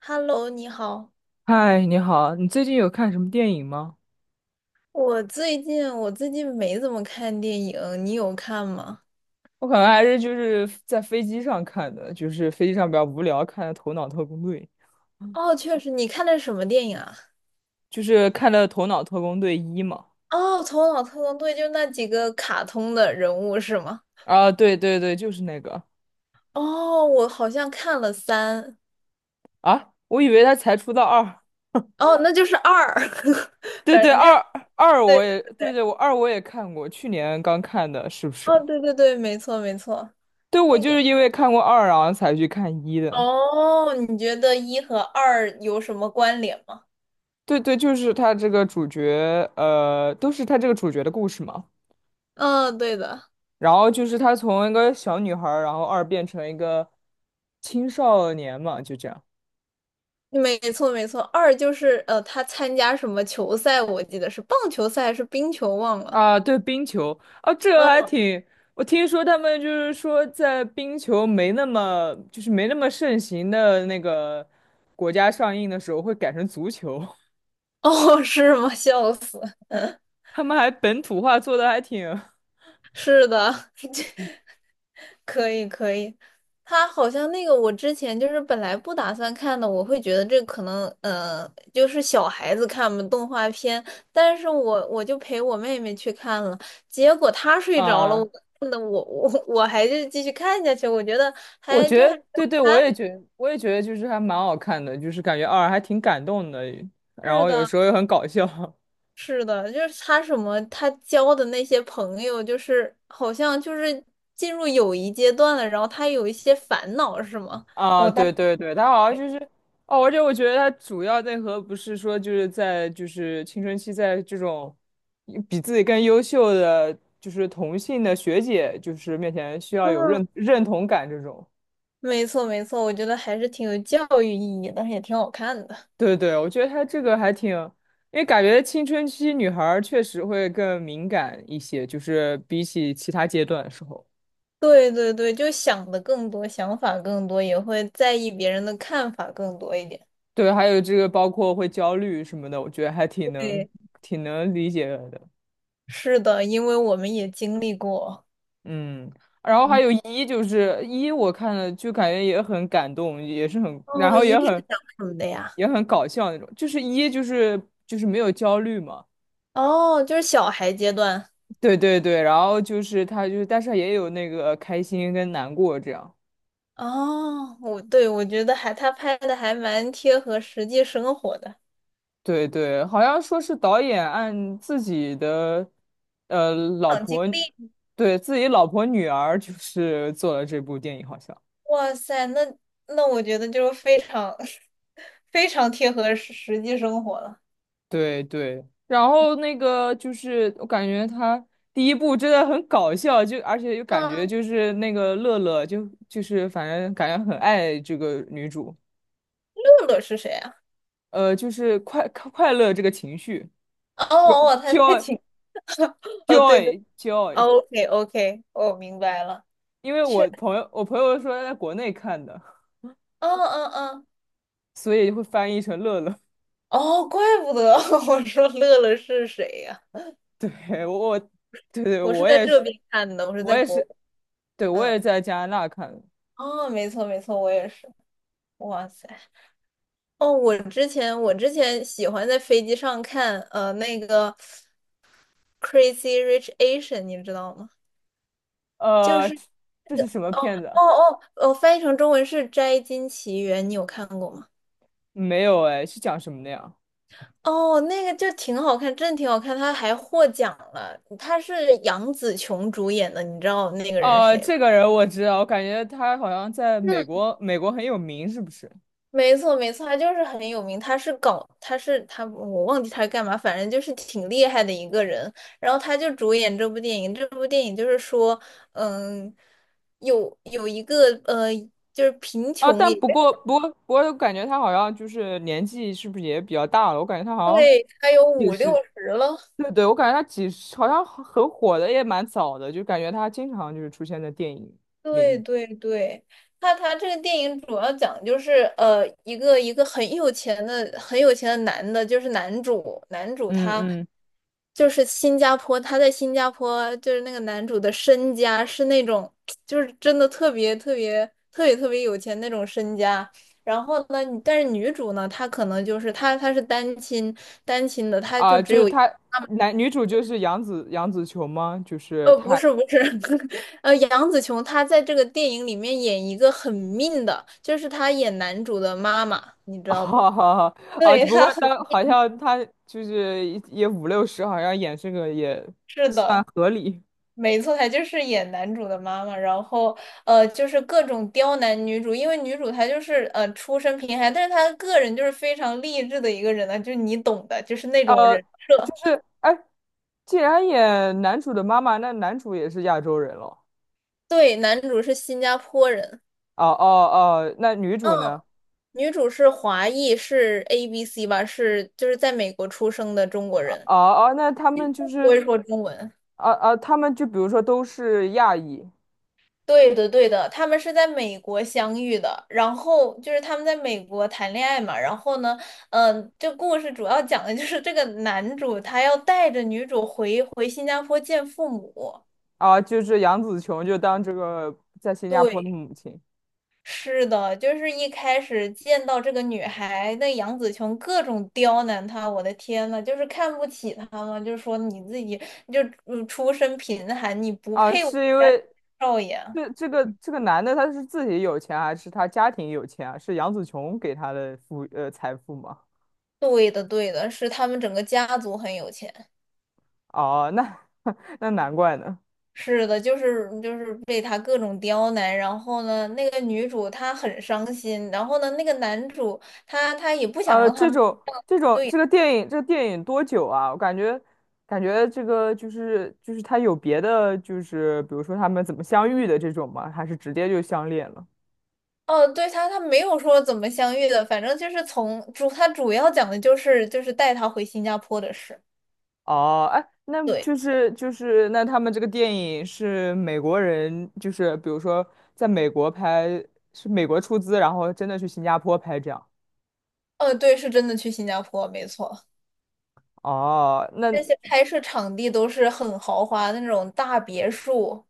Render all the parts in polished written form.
Hello，你好。嗨，你好，你最近有看什么电影吗？我最近没怎么看电影，你有看吗？我可能还是就是在飞机上看的，就是飞机上比较无聊，看的《头脑特工队》，哦，确实，你看的是什么电影啊？就是看的《头脑特工队一》嘛。哦，《头脑特工队》就那几个卡通的人物是吗？啊，对对对，就是那个。哦，我好像看了三，啊，我以为他才出到二。哦，那就是二，对反对，正就二是二对我对也，对对，对，我也看过，去年刚看的，是不是？哦，对对对，没错没错，对，我那就是个因为看过二，然后才去看一的。哦，你觉得一和二有什么关联吗？对对，就是他这个主角，都是他这个主角的故事嘛。嗯，对的。然后就是她从一个小女孩儿，然后二变成一个青少年嘛，就这样。没错没错。二就是他参加什么球赛？我记得是棒球赛还是冰球，忘了。啊，对，冰球啊，这个还嗯，挺。我听说他们就是说在冰球没那么就是没那么盛行的那个国家上映的时候，会改成足球。哦，是吗？笑死！他们还本土化做的还挺。是的，可以可以。他好像那个，我之前就是本来不打算看的，我会觉得这可能，就是小孩子看嘛，动画片。但是我就陪我妹妹去看了，结果她睡着了，我啊，看的我还是继续看下去，我觉得我还觉就还得对对，我也觉得就是还蛮好看的，就是感觉二还挺感动的，然是后有的，时候又很搞笑。是的，就是他什么，他交的那些朋友，就是好像就是进入友谊阶段了，然后他有一些烦恼，是吗？啊，我当 对对 对，他好像就是。哦，而且我觉得他主要内核不是说就是在青春期，在这种比自己更优秀的就是同性的学姐就是面前需要有嗯，认同感这种。没错没错，我觉得还是挺有教育意义的，也挺好看的。对对，我觉得他这个还挺。因为感觉青春期女孩儿确实会更敏感一些，就是比起其他阶段的时候。对对对，就想的更多，想法更多，也会在意别人的看法更多一点。对，还有这个包括会焦虑什么的，我觉得还挺能对，挺能理解的。是的，因为我们也经历过。嗯，然后还嗯，有一，就是一，我看了就感觉也很感动，也是很，然哦，后一也很是讲什么的呀？也很搞笑那种。就是一，就是没有焦虑嘛。哦，就是小孩阶段。对对对，然后就是他就是，但是也有那个开心跟难过这样。哦，我对我觉得还他拍的还蛮贴合实际生活的，对对，好像说是导演按自己的呃老长经婆，历，对自己老婆女儿就是做了这部电影，好像。哇塞，那那我觉得就是非常 非常贴合实实际生活了。对对，然后那个就是我感觉他第一部真的很搞笑，就而且又感觉嗯，就是那个乐乐就是反正感觉很爱这个女主。乐乐是谁啊？就是快乐这个情绪 哦哦，他在，joy 请哦，对对 joy joy。，OK OK，我明白了，因为我确，朋友我朋友说他在国内看的，嗯嗯嗯，所以会翻译成乐乐。哦，怪不得 我说乐乐是谁呀、对，我对对，我是我在也这是，边看的，我是我在也国，是，对，我也嗯，在加拿大看的。哦，没错没错，我也是，哇塞。哦，我之前喜欢在飞机上看那个《Crazy Rich Asian》，你知道吗？就呃，是这是什么片子哦啊？哦翻译成中文是《摘金奇缘》，你有看过吗？没有哎，是讲什么的呀？哦，那个就挺好看，真的挺好看，他还获奖了。他是杨紫琼主演的，你知道那个人是哦，谁吧？这个人我知道，我感觉他好像在美国，美国很有名，是不是？没错，没错，他就是很有名，他是搞，他是他，我忘记他是干嘛，反正就是挺厉害的一个人。然后他就主演这部电影，这部电影就是说，嗯，有一个，就是贫啊，穷但也不过，我感觉他好像就是年纪是不是也比较大了？我感觉他好像对，他有也五六是。十了，对对，我感觉他几十好像很火的也蛮早的，就感觉他经常就是出现在电影领对域。对对，他他这个电影主要讲就是一个很有钱的很有钱的男的，就是男主嗯他嗯。就是新加坡，他在新加坡就是那个男主的身家是那种就是真的特别特别特别特别有钱那种身家。然后呢，但是女主呢，她可能就是她是单亲的，她就啊，只就是有。他男女主就是杨紫琼吗？就是不他。是不是，杨紫琼她在这个电影里面演一个很命的，就是她演男主的妈妈，你 知道不？好好好。啊！对，只不她过很当好像他就是也五六十，好像演这个也是算的，合理。没错，她就是演男主的妈妈，然后就是各种刁难女主，因为女主她就是出身贫寒，但是她个人就是非常励志的一个人呢，就是你懂的，就是那种呃，人设。就是哎，既然演男主的妈妈，那男主也是亚洲人了。对，男主是新加坡人。哦哦哦，那女主嗯，呢？女主是华裔，是 ABC 吧，是就是在美国出生的中国哦人。哦，那他们就不是。会说中文。啊啊，他们就比如说都是亚裔。对的，对的，他们是在美国相遇的，然后就是他们在美国谈恋爱嘛，然后呢，嗯、这故事主要讲的就是这个男主他要带着女主回新加坡见父母。啊，就是杨紫琼就当这个在新加坡的对，母亲。是的，就是一开始见到这个女孩，那杨紫琼各种刁难她，我的天呐，就是看不起她嘛，就是说你自己就嗯出身贫寒，你不啊，配我们是因家为，少爷。这个男的他是自己有钱还是他家庭有钱啊？是杨紫琼给他的富，财富吗？对的，对的，是他们整个家族很有钱。哦，那 那难怪呢。是的，就是被他各种刁难，然后呢，那个女主她很伤心，然后呢，那个男主他他也不想呃，让他这们，种这种这个电影多久啊？我感觉这个就是他有别的就是比如说他们怎么相遇的这种吗？还是直接就相恋了？哦，对他他没有说怎么相遇的，反正就是从主他主要讲的就是带他回新加坡的事。哦，哎，那对，就是那他们这个电影是美国人，就是比如说在美国拍，是美国出资，然后真的去新加坡拍这样。对，是真的去新加坡，没错，哦，那那些拍摄场地都是很豪华的那种大别墅。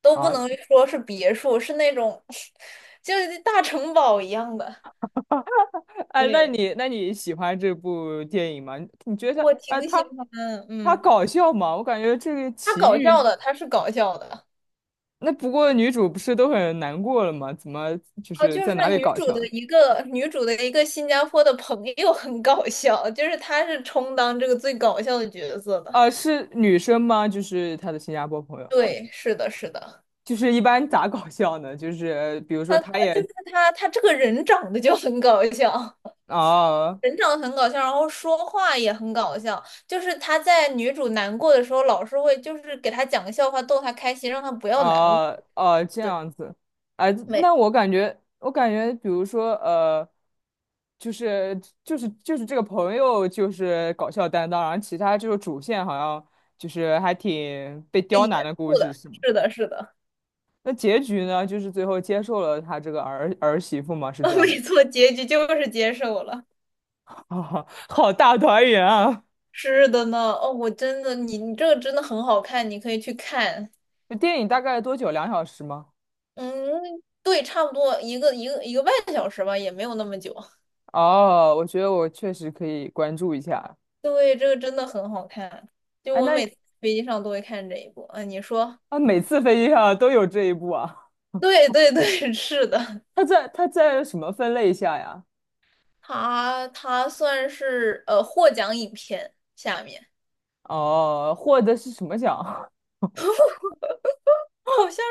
都不啊，能说是别墅，是那种 就是大城堡一样的。哎，那对，你喜欢这部电影吗？你觉得我挺哎，喜他欢，他嗯，搞笑吗？我感觉这个它奇搞遇。笑的，它是搞笑的。那不过女主不是都很难过了吗？怎么就啊，是就在是哪里女搞主的笑？一个女主的一个新加坡的朋友很搞笑，就是她是充当这个最搞笑的角色的。啊，是女生吗？就是她的新加坡朋友。对，是的，是的，就是一般咋搞笑呢？就是比如说他她就也。是她，她这个人长得就很搞笑。哦人长得很搞笑，然后说话也很搞笑。就是他在女主难过的时候，老是会就是给她讲个笑话逗她开心，让她不要难过。哦哦这对，样子。啊，那没我感觉，比如说就是这个朋友就是搞笑担当，然后其他就是主线好像就是还挺被刁难的故错事的，是吗？是的，是的，那结局呢？就是最后接受了他这个儿媳妇吗？是这 样吗？没错，结局就是接受了。啊好大团圆啊！是的呢，哦，我真的，你你这个真的很好看，你可以去看。那电影大概多久？2小时吗？嗯，对，差不多一个一个半小时吧，也没有那么久。哦，我觉得我确实可以关注一下。对，这个真的很好看，就哎，我那每次飞机上都会看这一部。啊，你说，啊，每次飞机上都有这一步啊？对对对，是的。他在什么分类下呀？它它算是获奖影片下面，哦，获得是什么奖？好像是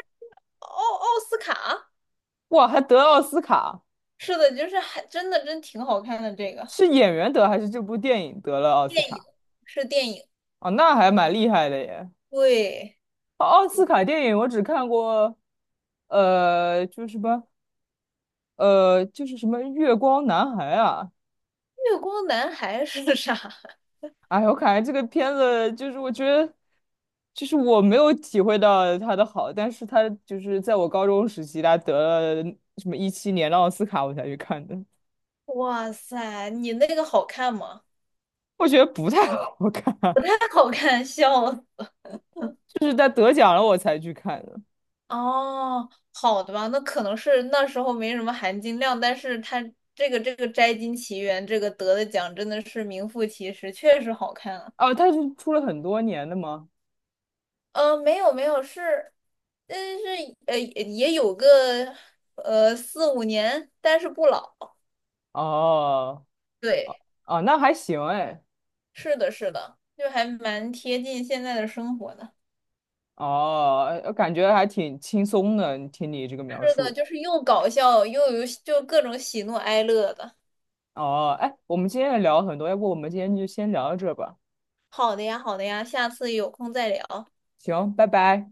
奥奥斯卡，哇，还得奥斯卡。是的，就是还真的真挺好看的。这个是演员得还是这部电影得了奥斯卡？是电影，哦，那还蛮厉害的耶。对，哦，奥斯卡电影我只看过，呃，就是什么，呃，就是什么《月光男孩》啊。《月光男孩》是啥？哎，我感觉这个片子就是我觉得，就是我没有体会到它的好，但是它就是在我高中时期，它得了什么2017年的奥斯卡，我才去看的。哇塞，你那个好看吗？我觉得不太好看。不太好看，笑了。就是它得奖了我才去看的。哦，好的吧，那可能是那时候没什么含金量，但是他这个这个《摘金奇缘》这个得的奖真的是名副其实，确实好看啊。哦，它是出了很多年的吗？没有没有，是，但是也有个四五年，但是不老。哦。对，哦，那还行哎。是的，是的，就还蛮贴近现在的生活的。哦，感觉还挺轻松的，听你这个描是的，述。就是又搞笑又有就各种喜怒哀乐的。哦，哎，我们今天也聊了很多，要不我们今天就先聊到这吧？好的呀，好的呀，下次有空再聊。行，拜拜。